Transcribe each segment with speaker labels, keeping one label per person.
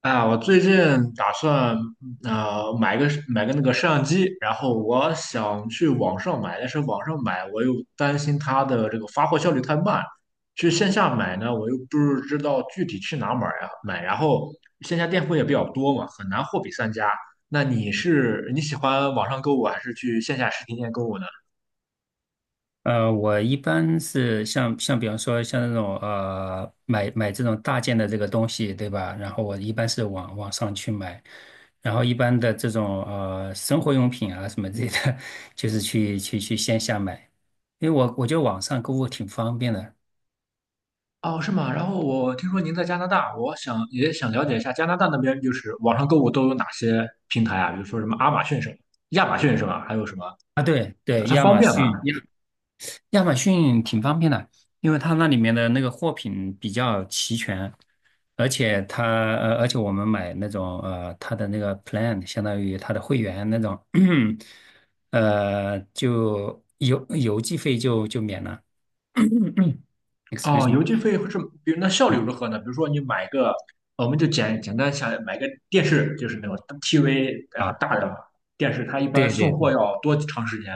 Speaker 1: 啊，我最近打算买个那个摄像机，然后我想去网上买，但是网上买我又担心它的这个发货效率太慢，去线下买呢，我又不是知道具体去哪买呀买，然后线下店铺也比较多嘛，很难货比三家。那你喜欢网上购物还是去线下实体店购物呢？
Speaker 2: 我一般是像比方说像那种买这种大件的这个东西，对吧？然后我一般是网上去买，然后一般的这种生活用品啊什么之类的，就是去线下买，因为我觉得网上购物挺方便的
Speaker 1: 哦，是吗？然后我听说您在加拿大，我想了解一下加拿大那边就是网上购物都有哪些平台啊？比如说什么亚马逊什么，亚马逊是吧？还有什么？
Speaker 2: 啊。对对，
Speaker 1: 它
Speaker 2: 亚
Speaker 1: 方
Speaker 2: 马
Speaker 1: 便吗？
Speaker 2: 逊，亚马逊挺方便的，因为它那里面的那个货品比较齐全，而且它而且我们买那种它的那个 plan 相当于它的会员那种，就邮寄费就免了。excuse
Speaker 1: 哦，邮
Speaker 2: me,
Speaker 1: 寄费是，比如那效率
Speaker 2: 嗯，
Speaker 1: 如何呢？比如说你买个，我们就简单想买个电视，就是那种 TV 大的电视，它一般
Speaker 2: 对对
Speaker 1: 送
Speaker 2: 对。
Speaker 1: 货要多长时间？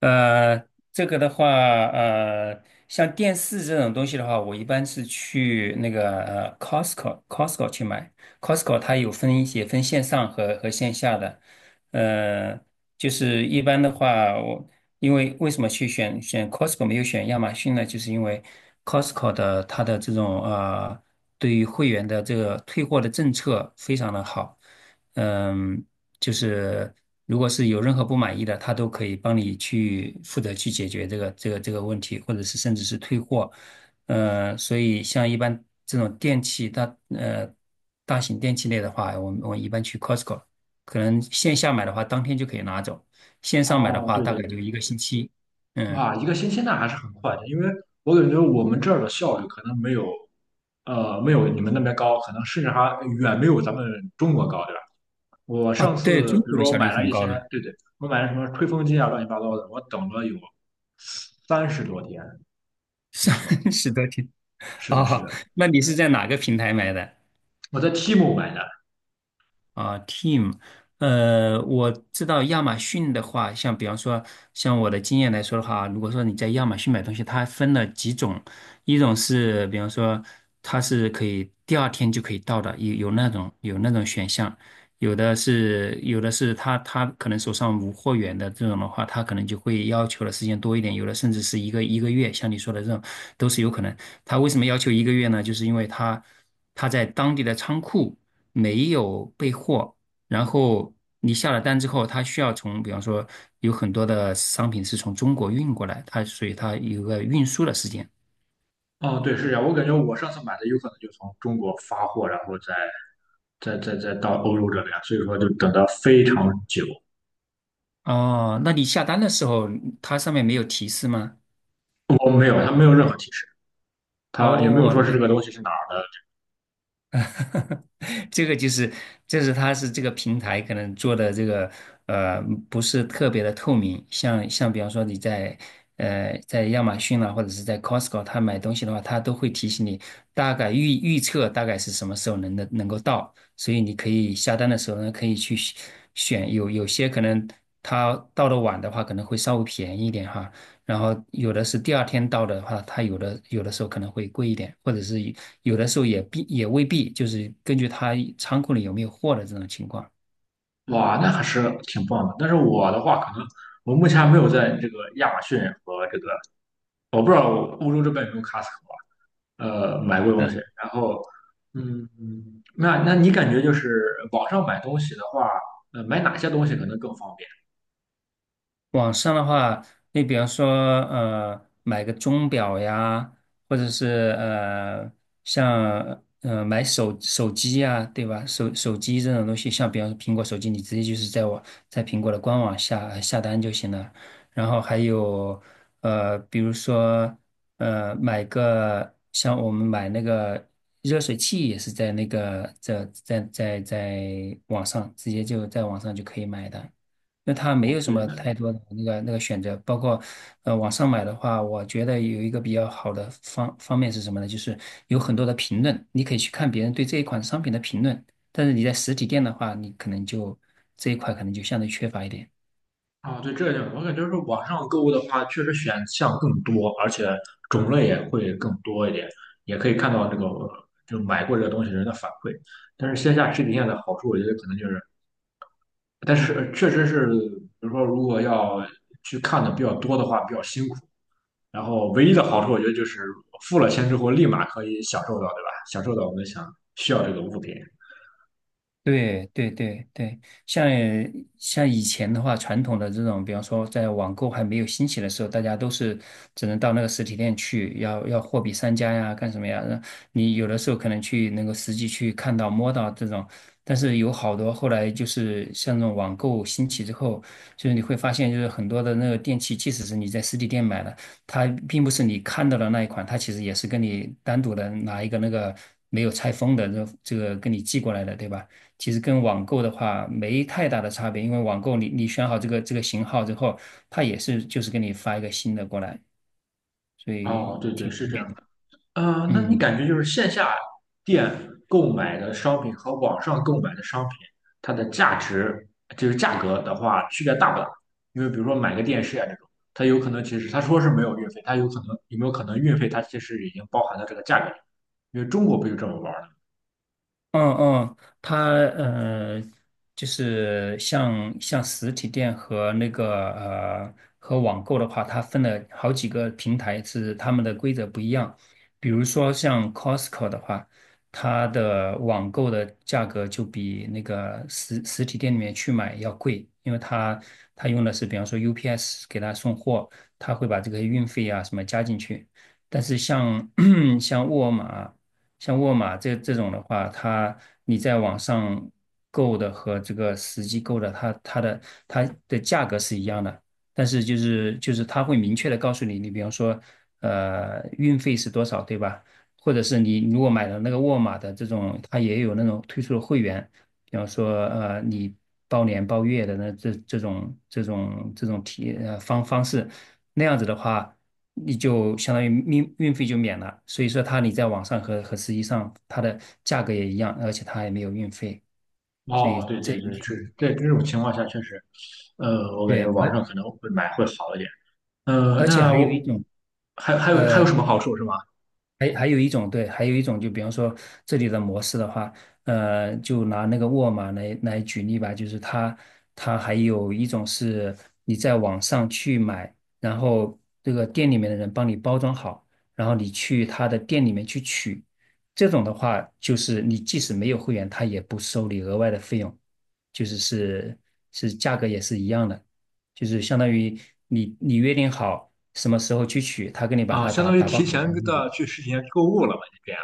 Speaker 2: 呃，这个的话，像电视这种东西的话，我一般是去那个Costco，Costco 去买。Costco 它有分一些分线上和线下的，呃，就是一般的话，我因为为什么去选 Costco 没有选亚马逊呢？就是因为 Costco 的它的这种对于会员的这个退货的政策非常的好。嗯，就是如果是有任何不满意的，他都可以帮你去负责去解决这个问题，或者是甚至是退货。所以像一般这种电器大呃大型电器类的话，我们一般去 Costco,可能线下买的话当天就可以拿走，线上买的
Speaker 1: 哦，
Speaker 2: 话
Speaker 1: 对
Speaker 2: 大
Speaker 1: 对
Speaker 2: 概就
Speaker 1: 对。
Speaker 2: 一个星期。嗯，
Speaker 1: 哇，一个星期那还是很快的，因为我感觉我们这儿的效率可能没有，没有你们那边高，可能甚至还远没有咱们中国高，对吧？我
Speaker 2: 啊，
Speaker 1: 上
Speaker 2: 对，
Speaker 1: 次
Speaker 2: 中
Speaker 1: 比如
Speaker 2: 国的
Speaker 1: 说我
Speaker 2: 效率
Speaker 1: 买了
Speaker 2: 很
Speaker 1: 一
Speaker 2: 高的，
Speaker 1: 些，对对，我买了什么吹风机啊，乱七八糟的，我等了有三十多天，没
Speaker 2: 三
Speaker 1: 错，
Speaker 2: 十多天。
Speaker 1: 是的，是
Speaker 2: 哦，
Speaker 1: 的，
Speaker 2: 那你是在哪个平台买的？
Speaker 1: 我在 TMA 买的。
Speaker 2: 啊，team,我知道亚马逊的话，像比方说，像我的经验来说的话，如果说你在亚马逊买东西，它分了几种，一种是比方说它是可以第二天就可以到的，有有那种选项，有的是他可能手上无货源的这种的话，他可能就会要求的时间多一点，有的甚至是一个月，像你说的这种都是有可能。他为什么要求一个月呢？就是因为他在当地的仓库。没有备货，然后你下了单之后，它需要从，比方说有很多的商品是从中国运过来，它所以它有个运输的时间。
Speaker 1: 哦，对，是这样，我感觉我上次买的有可能就从中国发货，然后再再到欧洲这边，所以说就等得非常久。
Speaker 2: 哦，那你下单的时候，它上面没有提示吗？
Speaker 1: 我没有，他没有任何提示，他也没有
Speaker 2: 哦，
Speaker 1: 说是这个东西是哪儿的。
Speaker 2: 这个就是，这是它是这个平台可能做的这个呃不是特别的透明，像比方说你在在亚马逊啦、或者是在 Costco 它买东西的话，它都会提醒你大概预测大概是什么时候能的能够到，所以你可以下单的时候呢可以去选，有些可能它到的晚的话可能会稍微便宜一点哈，然后有的是第二天到的话，它有的时候可能会贵一点，或者是有的时候也必也未必，就是根据它仓库里有没有货的这种情况。
Speaker 1: 哇，那还是挺棒的。但是我的话，可能我目前还没有在这个亚马逊和这个，我不知道欧洲这边有没有 Costco 啊买过东西。然后，嗯，那你感觉就是网上买东西的话，买哪些东西可能更方便？
Speaker 2: 网上的话，你比方说，买个钟表呀，或者是像买手机呀，对吧？手机这种东西，像比方说苹果手机，你直接就是在我在苹果的官网下单就行了。然后还有比如说买个像我们买那个热水器也是在那个在网上直接就在网上就可以买的。那它没
Speaker 1: 哦，
Speaker 2: 有什
Speaker 1: 对，
Speaker 2: 么
Speaker 1: 那
Speaker 2: 太多的那个选择，包括网上买的话，我觉得有一个比较好的方面是什么呢？就是有很多的评论，你可以去看别人对这一款商品的评论，但是你在实体店的话，你可能就这一块可能就相对缺乏一点。
Speaker 1: 啊，对，这一点我感觉是网上购物的话，确实选项更多，而且种类也会更多一点，也可以看到这个就买过这个东西人的反馈。但是线下实体店的好处，我觉得可能就是。但是确实是，比如说如果要去看的比较多的话，比较辛苦。然后唯一的好处，我觉得就是付了钱之后立马可以享受到，对吧？享受到我们想需要这个物品。
Speaker 2: 对对对对，像像以前的话，传统的这种，比方说在网购还没有兴起的时候，大家都是只能到那个实体店去，要货比三家呀，干什么呀？那你有的时候可能去能够实际去看到、摸到这种，但是有好多后来就是像那种网购兴起之后，就是你会发现，就是很多的那个电器，即使是你在实体店买的，它并不是你看到的那一款，它其实也是跟你单独的拿一个那个没有拆封的这个跟你寄过来的，对吧？其实跟网购的话没太大的差别，因为网购你选好这个型号之后，它也是就是给你发一个新的过来，所
Speaker 1: 哦，
Speaker 2: 以
Speaker 1: 对对，
Speaker 2: 挺
Speaker 1: 是
Speaker 2: 方
Speaker 1: 这样。
Speaker 2: 便的。
Speaker 1: 那你
Speaker 2: 嗯。
Speaker 1: 感觉就是线下店购买的商品和网上购买的商品，它的价值就是价格的话，区别大不大？因为比如说买个电视啊这种，它有可能其实他说是没有运费，它有可能有没有可能运费它其实已经包含到这个价格里？因为中国不就这么玩儿的？
Speaker 2: 嗯嗯，它就是像实体店和那个和网购的话，它分了好几个平台，是他们的规则不一样。比如说像 Costco 的话，它的网购的价格就比那个实体店里面去买要贵，因为它它用的是比方说 UPS 给他送货，他会把这个运费啊什么加进去。但是像 像沃尔玛。像沃尔玛这种的话，它你在网上购的和这个实际购的，它的价格是一样的，但是就是它会明确的告诉你，你比方说，运费是多少，对吧？或者是你如果买了那个沃尔玛的这种，它也有那种推出的会员，比方说你包年包月的那这这种这种这种体呃方方式，那样子的话。你就相当于运费就免了。所以说，它你在网上和实际上它的价格也一样，而且它还没有运费。所
Speaker 1: 哦，
Speaker 2: 以
Speaker 1: 对
Speaker 2: 这
Speaker 1: 对对，是在这种情况下确实，我感觉
Speaker 2: 对，
Speaker 1: 网
Speaker 2: 而
Speaker 1: 上可能会买会好一点。呃，
Speaker 2: 而且
Speaker 1: 那
Speaker 2: 还有
Speaker 1: 我
Speaker 2: 一种，
Speaker 1: 还有还
Speaker 2: 呃，
Speaker 1: 有什么好处是吗？
Speaker 2: 还有一种对，还有一种就比方说这里的模式的话，就拿那个沃尔玛来举例吧，就是它它还有一种是你在网上去买，然后这个店里面的人帮你包装好，然后你去他的店里面去取，这种的话就是你即使没有会员，他也不收你额外的费用，就是价格也是一样的。就是相当于你约定好什么时候去取，他给你把
Speaker 1: 啊、
Speaker 2: 它
Speaker 1: 相
Speaker 2: 打
Speaker 1: 当于
Speaker 2: 打包
Speaker 1: 提
Speaker 2: 好，
Speaker 1: 前的去实体店购物了吧？这样。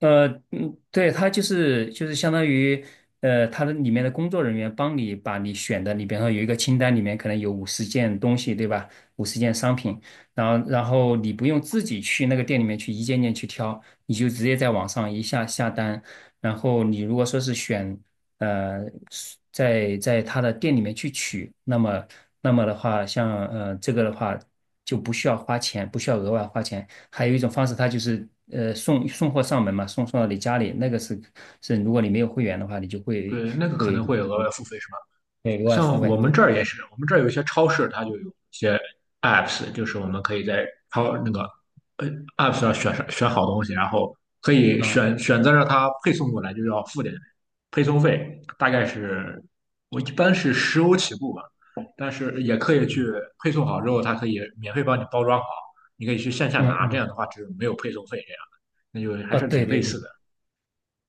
Speaker 2: 嗯，对，他就是相当于，他的里面的工作人员帮你把你选的，你比方说有一个清单，里面可能有五十件东西，对吧？五十件商品，然后你不用自己去那个店里面去一件件去挑，你就直接在网上下单，然后你如果说是选，呃，是在他的店里面去取，那么那么的话，像这个的话就不需要花钱，不需要额外花钱。还有一种方式，它就是送货上门嘛，送到你家里，那个是是如果你没有会员的话，你就
Speaker 1: 对，那个可
Speaker 2: 会
Speaker 1: 能会有额外付费是吧？
Speaker 2: 会额外付
Speaker 1: 像我
Speaker 2: 费
Speaker 1: 们这儿也是，我们这儿有一些超市，它就有一些 apps，就是我们可以在超那个呃 app 上选好东西，然后可以
Speaker 2: 啊，
Speaker 1: 选择让它配送过来，就要付点配送费，大概是我一般是10欧起步吧，但是也可以去配送好之后，它可以免费帮你包装好，你可以去线下
Speaker 2: 嗯
Speaker 1: 拿，这
Speaker 2: 嗯，
Speaker 1: 样的话就是没有配送费，这样那就还
Speaker 2: 哦，
Speaker 1: 是
Speaker 2: 对
Speaker 1: 挺类
Speaker 2: 对对
Speaker 1: 似的。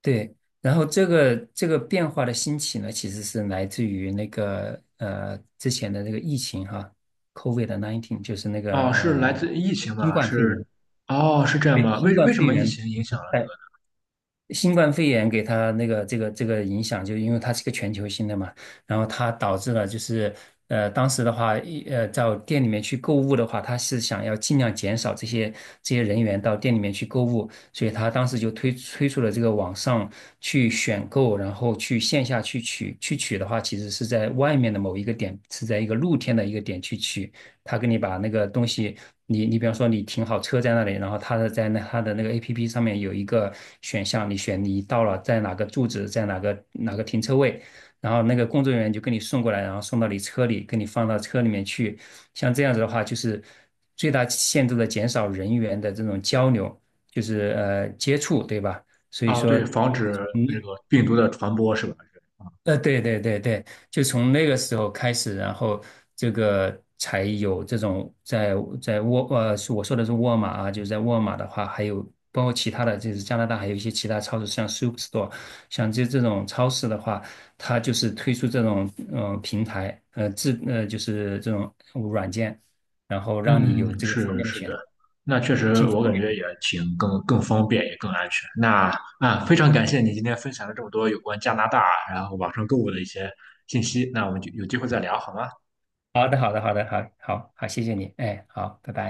Speaker 2: 对，然后这个这个变化的兴起呢，其实是来自于那个之前的那个疫情哈，COVID-19 就是那个
Speaker 1: 哦，是来自疫情
Speaker 2: 新
Speaker 1: 吗？
Speaker 2: 冠肺炎，
Speaker 1: 是，哦，是这样
Speaker 2: 对，
Speaker 1: 吗？
Speaker 2: 新冠
Speaker 1: 为什
Speaker 2: 肺
Speaker 1: 么疫
Speaker 2: 炎。
Speaker 1: 情影响了这
Speaker 2: 在新冠肺炎给他那个这个这个影响，就因为它是一个全球性的嘛，然后它导致了就是当时的话，一到店里面去购物的话，他是想要尽量减少这些人员到店里面去购物，所以他当时就推出了这个网上去选购，然后去线下去取的话，其实是在外面的某一个点，是在一个露天的一个点去取。他给你把那个东西，你比方说你停好车在那里，然后他的在那他的那个 APP 上面有一个选项，你选你到了在哪个住址，在哪个停车位，然后那个工作人员就给你送过来，然后送到你车里，给你放到车里面去。像这样子的话，就是最大限度的减少人员的这种交流，就是接触，对吧？所
Speaker 1: 个？
Speaker 2: 以
Speaker 1: 哦，
Speaker 2: 说。
Speaker 1: 对，防止
Speaker 2: 从
Speaker 1: 那个病毒的传播是吧？
Speaker 2: 对对对对，就从那个时候开始，然后这个才有这种在在沃是我说的是沃尔玛啊，就是在沃尔玛的话，还有包括其他的，就是加拿大还有一些其他超市，像 Superstore,像这种超市的话，它就是推出这种嗯、平台，呃自呃就是这种软件，然后让你有
Speaker 1: 嗯，
Speaker 2: 这个方
Speaker 1: 是
Speaker 2: 面的
Speaker 1: 是
Speaker 2: 选
Speaker 1: 的，
Speaker 2: 择。
Speaker 1: 那确实我感觉也更方便，也更安全。那啊，非常感谢你今天分享了这么多有关加拿大，然后网上购物的一些信息。那我们就有机会再聊好吗？
Speaker 2: 好的，好的，好的，好好好，谢谢你，哎，好，拜拜。